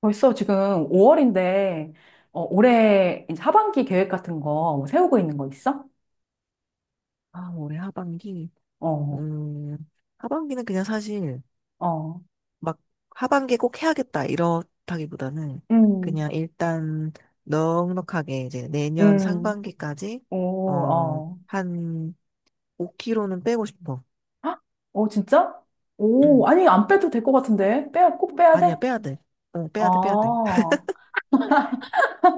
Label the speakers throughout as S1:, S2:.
S1: 벌써 지금 5월인데, 어, 올해 이제 하반기 계획 같은 거뭐 세우고 있는 거 있어?
S2: 아, 올해 하반기?
S1: 어,
S2: 음, 하반기는 그냥 사실
S1: 어,
S2: 막 하반기에 꼭 해야겠다 이렇다기보다는
S1: 음,
S2: 그냥 일단 넉넉하게 이제 내년
S1: 음,
S2: 상반기까지
S1: 오, 어.
S2: 한 5kg는 빼고 싶어.
S1: 헉? 어, 진짜? 오,
S2: 음,
S1: 아니, 안 빼도 될 것 같은데? 빼야, 꼭 빼야
S2: 아니야,
S1: 돼?
S2: 빼야 돼. 빼야 돼, 빼야 돼.
S1: 아,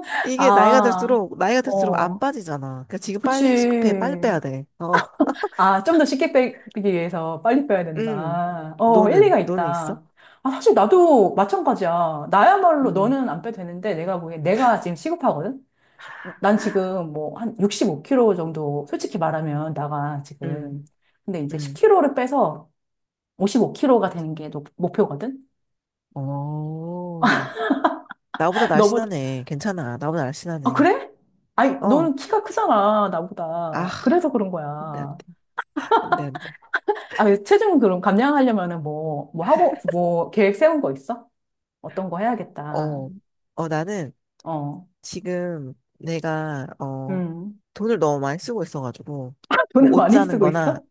S2: 이게 나이가
S1: 아,
S2: 들수록, 나이가 들수록 안
S1: 어,
S2: 빠지잖아. 그러니까 지금
S1: 그치.
S2: 빨리 시급해, 빨리 빼야 돼.
S1: 아, 좀 더 쉽게 빼기 위해서 빨리 빼야
S2: 음,
S1: 된다. 어,
S2: 너는,
S1: 일리가
S2: 너는 있어?
S1: 있다. 아, 사실 나도 마찬가지야. 나야말로
S2: 응.
S1: 너는 안 빼도 되는데 내가 보기엔 내가 지금 시급하거든? 난 지금 뭐 한 65kg 정도 솔직히 말하면 나가
S2: 응.
S1: 지금. 근데 이제
S2: 응.
S1: 10kg를 빼서 55kg가 되는 게 목표거든?
S2: 어. 나보다
S1: 너보다.
S2: 날씬하네. 괜찮아. 나보다
S1: 아,
S2: 날씬하네.
S1: 그래? 아니,
S2: 어,
S1: 너는 키가 크잖아,
S2: 아,
S1: 나보다. 그래서 그런
S2: 안 돼, 안
S1: 거야.
S2: 돼. 안 돼, 안 돼.
S1: 아, 체중 그럼 감량하려면은 뭐 하고, 뭐 계획 세운 거 있어? 어떤 거 해야겠다.
S2: 어, 나는
S1: 어,
S2: 지금 내가, 어,
S1: 음.
S2: 돈을 너무 많이 쓰고 있어가지고, 뭐,
S1: 돈을
S2: 옷
S1: 많이
S2: 사는
S1: 쓰고 있어?
S2: 거나,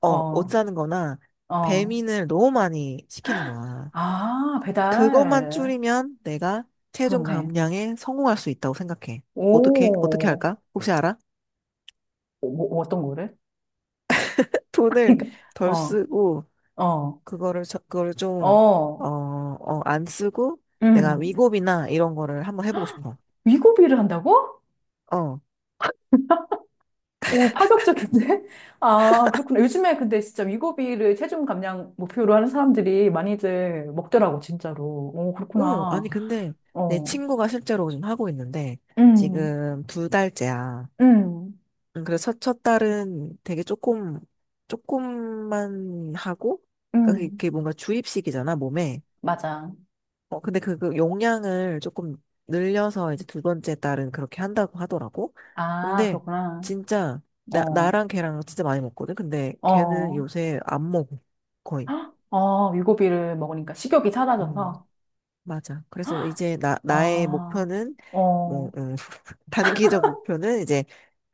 S2: 어, 옷
S1: 어,
S2: 사는 거나,
S1: 어.
S2: 배민을 너무 많이 시키는 거야.
S1: 아,
S2: 그것만
S1: 배달.
S2: 줄이면 내가 체중
S1: 그렇네.
S2: 감량에 성공할 수 있다고 생각해. 어떻게? 어떻게
S1: 오,
S2: 할까? 혹시 알아?
S1: 뭐 어떤 거를?
S2: 돈을
S1: 그러니까,
S2: 덜
S1: 어,
S2: 쓰고,
S1: 어,
S2: 그거를 좀
S1: 어,
S2: 안 쓰고 내가
S1: 음.
S2: 위급이나 이런 거를 한번 해보고 싶어.
S1: 위고비를 한다고?
S2: 어.
S1: 오, 파격적인데? 아, 그렇구나. 요즘에 근데 진짜 위고비를 체중 감량 목표로 하는 사람들이 많이들 먹더라고, 진짜로. 오,
S2: 오,
S1: 그렇구나.
S2: 아니 근데 내
S1: 어,
S2: 친구가 실제로 지금 하고 있는데
S1: 음,
S2: 지금 두 달째야.
S1: 음,
S2: 그래서 첫 달은 되게 조금만 하고 그러니까 그게
S1: 음.
S2: 그게 뭔가 주입식이잖아 몸에.
S1: 맞아.
S2: 어, 근데 그 용량을 조금 늘려서 이제 두 번째 딸은 그렇게 한다고 하더라고.
S1: 아,
S2: 근데
S1: 그렇구나.
S2: 진짜
S1: 어,
S2: 나랑 걔랑 진짜 많이 먹거든. 근데 걔는
S1: 어,
S2: 요새 안 먹어. 거의.
S1: 헉, 어, 유고비를 먹으니까 식욕이
S2: 음,
S1: 사라져서,
S2: 맞아. 그래서 이제 나의
S1: 아,
S2: 목표는 뭐,
S1: 어,
S2: 단기적 목표는 이제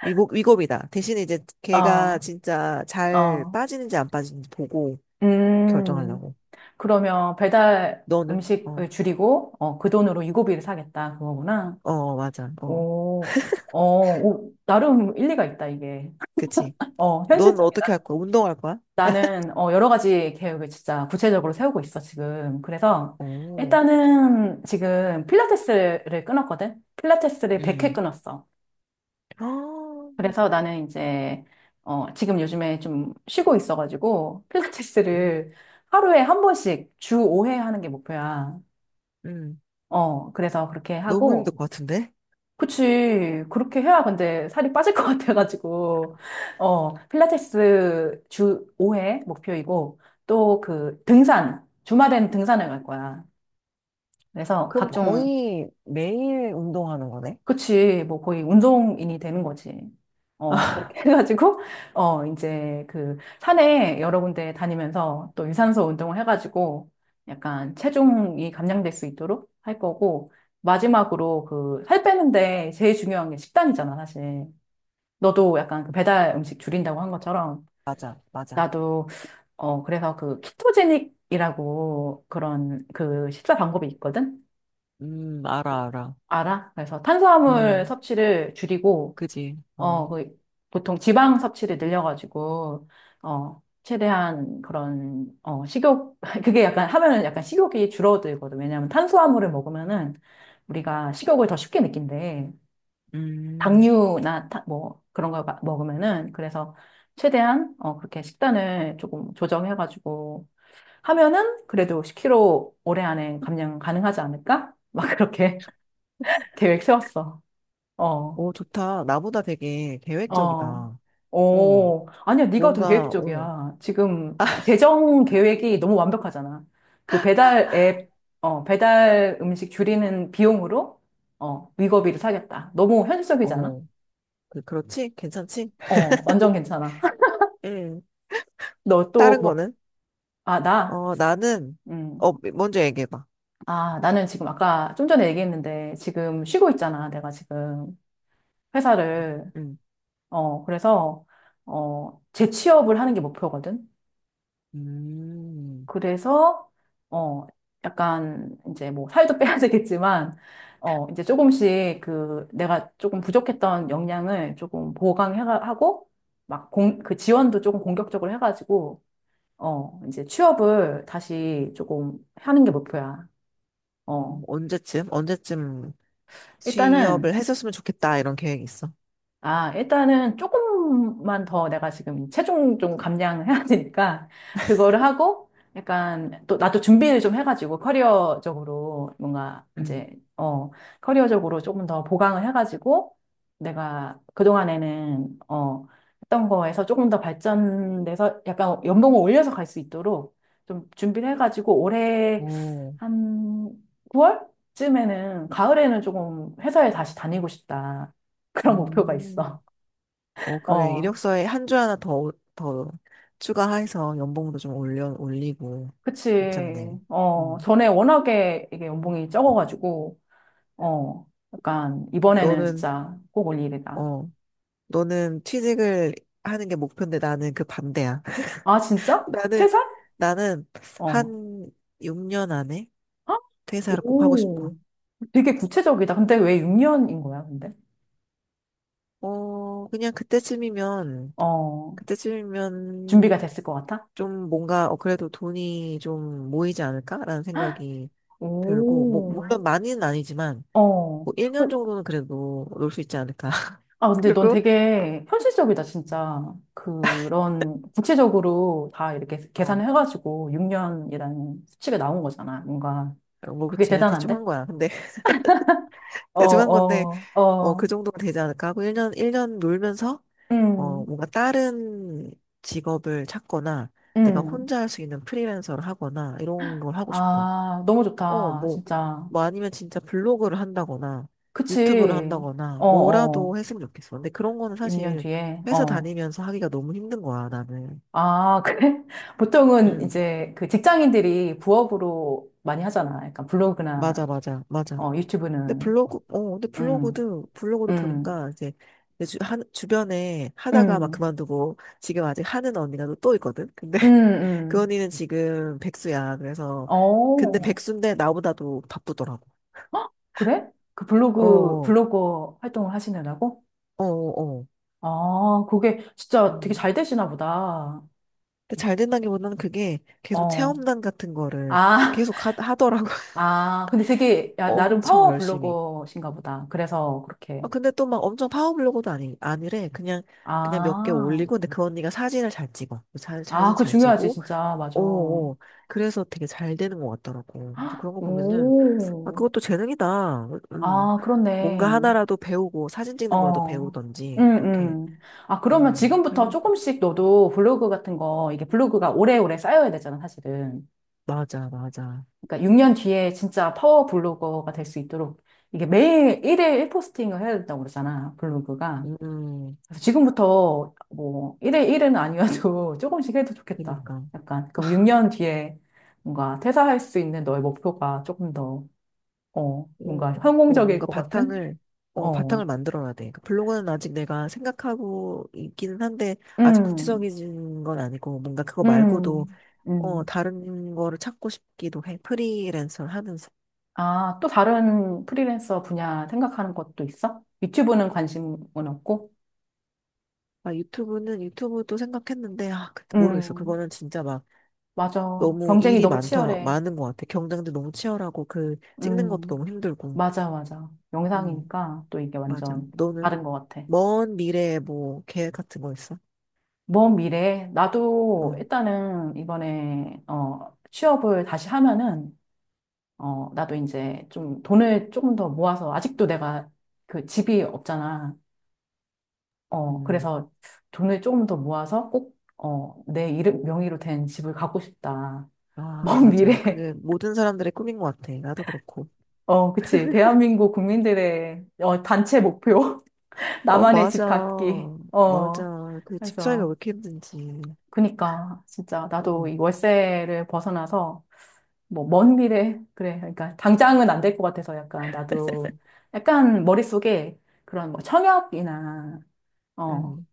S2: 위급이다. 대신에 이제 걔가
S1: 어,
S2: 진짜 잘
S1: 어,
S2: 빠지는지 안 빠지는지 보고
S1: 음.
S2: 결정하려고.
S1: 그러면 배달
S2: 너는?
S1: 음식을 줄이고, 어, 그 돈으로 유고비를 사겠다, 그거구나.
S2: 어, 맞아. 어,
S1: 오, 어, 오, 나름 일리가 있다, 이게.
S2: 그치.
S1: 어,
S2: 넌 어떻게 할
S1: 현실적이다.
S2: 거야? 운동할 거야?
S1: 나는 어, 여러 가지 계획을 진짜 구체적으로 세우고 있어, 지금. 그래서
S2: 어.
S1: 일단은 지금 필라테스를 끊었거든? 필라테스를 100회
S2: 음.
S1: 끊었어.
S2: 아,
S1: 그래서 나는 이제 어, 지금 요즘에 좀 쉬고 있어가지고
S2: 음,
S1: 필라테스를 하루에 한 번씩 주 5회 하는 게 목표야.
S2: 음.
S1: 어, 그래서 그렇게
S2: 너무 힘들
S1: 하고
S2: 것 같은데?
S1: 그치. 그렇게 해야 근데 살이 빠질 것 같아가지고. 어, 필라테스 주 5회 목표이고, 또 그 등산, 주말엔 등산을 갈 거야. 그래서
S2: 그럼
S1: 각종,
S2: 거의 매일 운동하는 거네?
S1: 그치. 뭐 거의 운동인이 되는 거지. 어, 그렇게 해가지고, 어, 이제 그 산에 여러 군데 다니면서 또 유산소 운동을 해가지고 약간 체중이 감량될 수 있도록 할 거고, 마지막으로 그 살 빼는데 제일 중요한 게 식단이잖아, 사실. 너도 약간 그 배달 음식 줄인다고 한 것처럼
S2: 맞아, 맞아.
S1: 나도 어 그래서 그 키토제닉이라고 그런 그 식사 방법이 있거든.
S2: 알아, 알아.
S1: 알아? 그래서 탄수화물
S2: 음,
S1: 섭취를 줄이고
S2: 그지. 어.
S1: 어그 보통 지방 섭취를 늘려가지고 어 최대한 그런 어 식욕 그게 약간 하면은 약간 식욕이 줄어들거든. 왜냐하면 탄수화물을 먹으면은 우리가 식욕을 더 쉽게 느낀대.
S2: 음.
S1: 당류나 뭐 그런 걸 먹으면은 그래서 최대한 어 그렇게 식단을 조금 조정해가지고 하면은 그래도 10kg 올해 안에 감량 가능하지 않을까? 막 그렇게 계획 세웠어. 어,
S2: 오, 좋다. 나보다 되게 계획적이다.
S1: 어.
S2: 어,
S1: 오, 아니야, 네가 더
S2: 뭔가, 어,
S1: 계획적이야. 지금 재정 계획이 너무 완벽하잖아. 그 배달 앱, 어, 배달 음식 줄이는 비용으로 어, 위거비를 사겠다. 너무 현실적이지 않아?
S2: 어, 그렇지? 괜찮지?
S1: 어, 완전 괜찮아.
S2: 응.
S1: 너또
S2: 다른
S1: 뭐
S2: 거는?
S1: 아, 나?
S2: 어, 나는,
S1: 음.
S2: 먼저 얘기해봐.
S1: 아, 나는 지금 아까 좀 전에 얘기했는데 지금 쉬고 있잖아. 내가 지금 회사를.
S2: 응.
S1: 어, 그래서, 어, 재취업을 하는 게 목표거든.
S2: 음,
S1: 그래서, 어, 약간 이제 뭐 살도 빼야 되겠지만, 어, 이제 조금씩 그 내가 조금 부족했던 역량을 조금 보강하고, 막 그 지원도 조금 공격적으로 해가지고, 어, 이제 취업을 다시 조금 하는 게 목표야. 어.
S2: 어, 언제쯤? 언제쯤
S1: 일단은
S2: 취업을 했었으면 좋겠다 이런 계획이 있어.
S1: 일단은 조금만 더 내가 지금 체중 좀 감량해야 되니까, 그거를 하고, 약간, 또, 나도 준비를 좀 해가지고, 커리어적으로, 뭔가,
S2: 응.
S1: 이제, 어, 커리어적으로 조금 더 보강을 해가지고, 내가 그동안에는, 어, 했던 거에서 조금 더 발전돼서, 약간 연봉을 올려서 갈 수 있도록 좀 준비를 해가지고, 올해
S2: 오,
S1: 한 9월쯤에는, 가을에는 조금 회사에 다시 다니고 싶다. 그런 목표가 있어.
S2: 음, 어 그래,
S1: 어,
S2: 이력서에 한 줄 하나 더 추가해서 연봉도 좀 올려 올리고
S1: 그치.
S2: 괜찮네.
S1: 어,
S2: 음.
S1: 전에 워낙에 이게 연봉이 적어가지고, 어, 약간, 이번에는
S2: 너는
S1: 진짜 꼭 올 일이다.
S2: 어 너는 취직을 하는 게 목표인데 나는 그 반대야.
S1: 아, 진짜?
S2: 나는
S1: 퇴사?
S2: 나는
S1: 어.
S2: 한 6년 안에
S1: 헉,
S2: 퇴사를 꼭 하고 싶어.
S1: 오, 되게 구체적이다. 근데 왜 6년인 거야, 근데?
S2: 어 그냥
S1: 어, 준비가
S2: 그때쯤이면
S1: 됐을 것 같아?
S2: 좀 뭔가 어 그래도 돈이 좀 모이지 않을까라는
S1: 헉,
S2: 생각이 들고, 뭐
S1: 오,
S2: 물론 많이는 아니지만
S1: 어.
S2: 뭐 1년
S1: 어,
S2: 정도는 그래도 놀 수 있지 않을까.
S1: 아, 근데 넌
S2: 그리고
S1: 되게 현실적이다, 진짜. 그런, 구체적으로 다 이렇게
S2: 어뭐
S1: 계산을 해가지고 6년이라는 수치가 나온 거잖아, 뭔가. 그게
S2: 그치, 그냥 대충
S1: 대단한데?
S2: 한 거야. 근데
S1: 어,
S2: 대충 한 건데
S1: 어,
S2: 어 그
S1: 어,
S2: 정도는 되지 않을까 하고 1년 일 년 놀면서 어
S1: 음,
S2: 뭔가 다른 직업을 찾거나 내가
S1: 음.
S2: 혼자 할 수 있는 프리랜서를 하거나 이런 걸 하고 싶어.
S1: 아, 너무
S2: 어,
S1: 좋다, 진짜.
S2: 뭐 아니면 진짜 블로그를 한다거나 유튜브를
S1: 그치.
S2: 한다거나
S1: 어,
S2: 뭐라도
S1: 어.
S2: 했으면 좋겠어. 근데 그런 거는
S1: 6년
S2: 사실
S1: 뒤에,
S2: 회사
S1: 어.
S2: 다니면서 하기가 너무 힘든 거야, 나는.
S1: 아, 그래? 보통은
S2: 응,
S1: 이제 그 직장인들이 부업으로 많이 하잖아. 약간 블로그나,
S2: 맞아.
S1: 어,
S2: 근데
S1: 유튜브는.
S2: 근데
S1: 음,
S2: 블로그도
S1: 음,
S2: 보니까 이제 주변에 하다가 막
S1: 음.
S2: 그만두고 지금 아직 하는 언니가 또또 있거든? 근데
S1: 음,
S2: 그
S1: 음.
S2: 언니는 지금 백수야. 그래서 근데
S1: 어,
S2: 백수인데 나보다도 바쁘더라고.
S1: 헉, 그래? 그
S2: 어,
S1: 블로그,
S2: 어,
S1: 블로거 활동을 하시느라고?
S2: 어, 어. 어.
S1: 아, 그게 진짜 되게
S2: 음.
S1: 잘 되시나 보다.
S2: 근데 잘 된다기보다는 그게 계속
S1: 어,
S2: 체험단 같은 거를
S1: 아,
S2: 계속 하더라고.
S1: 아, 근데 되게, 야, 나름
S2: 엄청
S1: 파워
S2: 열심히.
S1: 블로거신가 보다. 그래서 그렇게.
S2: 아, 근데 또 막 엄청 파워블로거도 아니, 아니래. 그냥 몇 개
S1: 아,
S2: 올리고, 근데 그 언니가 사진을 잘 찍어.
S1: 아,
S2: 사진
S1: 그거
S2: 잘
S1: 중요하지,
S2: 찍고,
S1: 진짜.
S2: 오,
S1: 맞아.
S2: 오. 그래서 되게 잘 되는 것 같더라고. 그래서 그런 거 보면은, 아,
S1: 오,
S2: 그것도 재능이다. 음.
S1: 아,
S2: 뭔가
S1: 그렇네.
S2: 하나라도 배우고, 사진 찍는 거라도
S1: 어, 음,
S2: 배우던지, 이렇게,
S1: 음. 아, 그러면
S2: 어,
S1: 지금부터
S2: 할,
S1: 조금씩 너도 블로그 같은 거, 이게 블로그가 오래오래 쌓여야 되잖아, 사실은.
S2: 맞아, 맞아.
S1: 그러니까 6년 뒤에 진짜 파워 블로거가 될 수 있도록 이게 매일 1일 1포스팅을 해야 된다고 그러잖아, 블로그가.
S2: 음, 음.
S1: 그래서 지금부터 뭐, 1일 1은 아니어도 조금씩 해도 좋겠다.
S2: 그니까.
S1: 약간. 그럼 6년 뒤에 뭔가 퇴사할 수 있는 너의 목표가 조금 더, 어, 뭔가 성공적일
S2: 뭔가
S1: 것 같은?
S2: 바탕을
S1: 어,
S2: 만들어야 돼. 그 블로그는 아직 내가 생각하고 있기는 한데, 아직
S1: 음,
S2: 구체적인 건 아니고, 뭔가 그거 말고도,
S1: 음,
S2: 어,
S1: 음.
S2: 다른 거를 찾고 싶기도 해. 프리랜서를 하면서.
S1: 아, 또 다른 프리랜서 분야 생각하는 것도 있어? 유튜브는 관심은 없고?
S2: 아, 유튜브도 생각했는데, 아, 모르겠어.
S1: 음,
S2: 그거는 진짜 막,
S1: 맞아.
S2: 너무
S1: 경쟁이
S2: 일이
S1: 너무 치열해.
S2: 많은 것 같아. 경쟁도 너무 치열하고, 그, 찍는 것도
S1: 음,
S2: 너무 힘들고.
S1: 맞아, 맞아.
S2: 음,
S1: 영상이니까 또 이게
S2: 맞아.
S1: 완전
S2: 너는?
S1: 다른 것 같아.
S2: 먼 미래에 뭐, 계획 같은 거 있어?
S1: 먼 미래에, 나도
S2: 어,
S1: 일단은 이번에, 어, 취업을 다시 하면은, 어, 나도 이제 좀 돈을 조금 더 모아서, 아직도 내가 그 집이 없잖아. 어,
S2: 음.
S1: 그래서 돈을 조금 더 모아서 꼭, 어, 내 이름, 명의로 된 집을 갖고 싶다.
S2: 아,
S1: 먼
S2: 맞아.
S1: 미래,
S2: 그게 모든 사람들의 꿈인 것 같아. 나도 그렇고.
S1: 어, 그치. 대한민국 국민들의, 어, 단체 목표.
S2: 어,
S1: 나만의
S2: 맞아.
S1: 집 갖기. 어,
S2: 맞아. 그 집사이가 왜
S1: 그래서,
S2: 이렇게 힘든지.
S1: 그니까, 진짜, 나도
S2: 응,
S1: 이 월세를 벗어나서, 뭐, 먼 미래, 그래. 그러니까, 당장은 안 될 것 같아서 약간, 나도, 약간 머릿속에 그런 뭐 청약이나, 어,
S2: 응.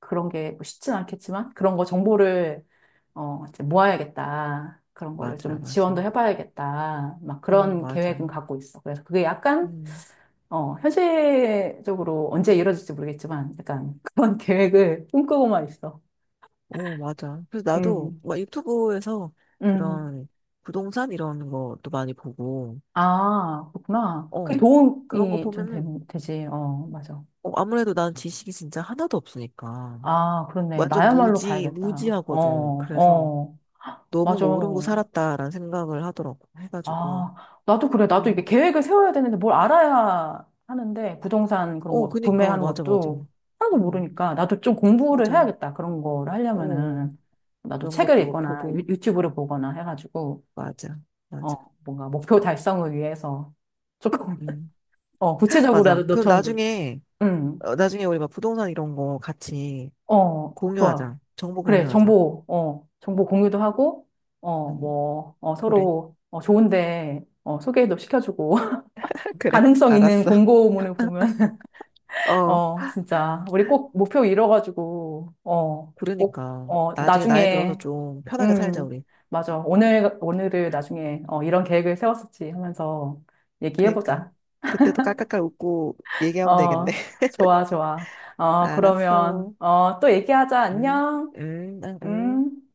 S1: 그런 게뭐 쉽진 않겠지만 그런 거 정보를 어, 이제 모아야겠다. 그런 거를
S2: 맞아,
S1: 좀 지원도
S2: 맞아.
S1: 해봐야겠다. 막
S2: 어,
S1: 그런
S2: 맞아.
S1: 계획은 갖고 있어. 그래서 그게 약간
S2: 응,
S1: 어, 현실적으로 언제 이루어질지 모르겠지만 약간 그런 계획을 꿈꾸고만 있어.
S2: 어, 맞아. 그래서 나도
S1: 음,
S2: 막 유튜브에서
S1: 음.
S2: 그런 부동산 이런 것도 많이 보고,
S1: 아, 그렇구나. 그
S2: 어, 그런 거
S1: 도움이 좀 되,
S2: 보면은,
S1: 되지. 어, 맞아.
S2: 어, 아무래도 난 지식이 진짜 하나도 없으니까.
S1: 아, 그렇네.
S2: 완전
S1: 나야말로 봐야겠다. 어,
S2: 무지하거든. 그래서
S1: 어,
S2: 너무
S1: 맞아.
S2: 모르고 살았다라는 생각을 하더라고. 해가지고.
S1: 아, 나도 그래. 나도
S2: 음.
S1: 이게 계획을 세워야 되는데 뭘 알아야 하는데 부동산 그런
S2: 어,
S1: 거
S2: 그니까,
S1: 구매하는
S2: 맞아, 맞아.
S1: 것도 하나도
S2: 음,
S1: 모르니까 나도 좀 공부를
S2: 맞아. 어,
S1: 해야겠다. 그런 거를
S2: 어.
S1: 하려면은 나도
S2: 그런
S1: 책을
S2: 것도
S1: 읽거나 유,
S2: 보고,
S1: 유튜브를 보거나 해가지고
S2: 맞아, 맞아.
S1: 어, 뭔가 목표 달성을 위해서 조금
S2: 음,
S1: 어, 구체적으로라도
S2: 맞아. 그럼
S1: 너처럼 노
S2: 나중에,
S1: 음.
S2: 어, 나중에 우리 막 부동산 이런 거 같이
S1: 어, 좋아.
S2: 공유하자. 정보
S1: 그래.
S2: 공유하자.
S1: 정보 공유도 하고 어,
S2: 음,
S1: 뭐 어,
S2: 그래.
S1: 서로 어, 좋은데 어, 소개도 시켜주고
S2: 그래.
S1: 가능성 있는
S2: 알았어.
S1: 공고문을 보면
S2: 어,
S1: 어, 진짜. 우리 꼭 목표 이뤄가지고, 어, 꼭,
S2: 그러니까.
S1: 어,
S2: 나중에 나이 들어서
S1: 나중에,
S2: 좀 편하게 살자,
S1: 음,
S2: 우리.
S1: 맞아. 오늘을 나중에, 어, 이런 계획을 세웠었지 하면서
S2: 그니까.
S1: 얘기해보자.
S2: 그때도 깔깔깔 웃고 얘기하면 되겠네.
S1: 어, 좋아, 좋아. 어, 그러면,
S2: 알았어.
S1: 어, 또 얘기하자.
S2: 응,
S1: 안녕.
S2: 응, 응. 응.
S1: 음.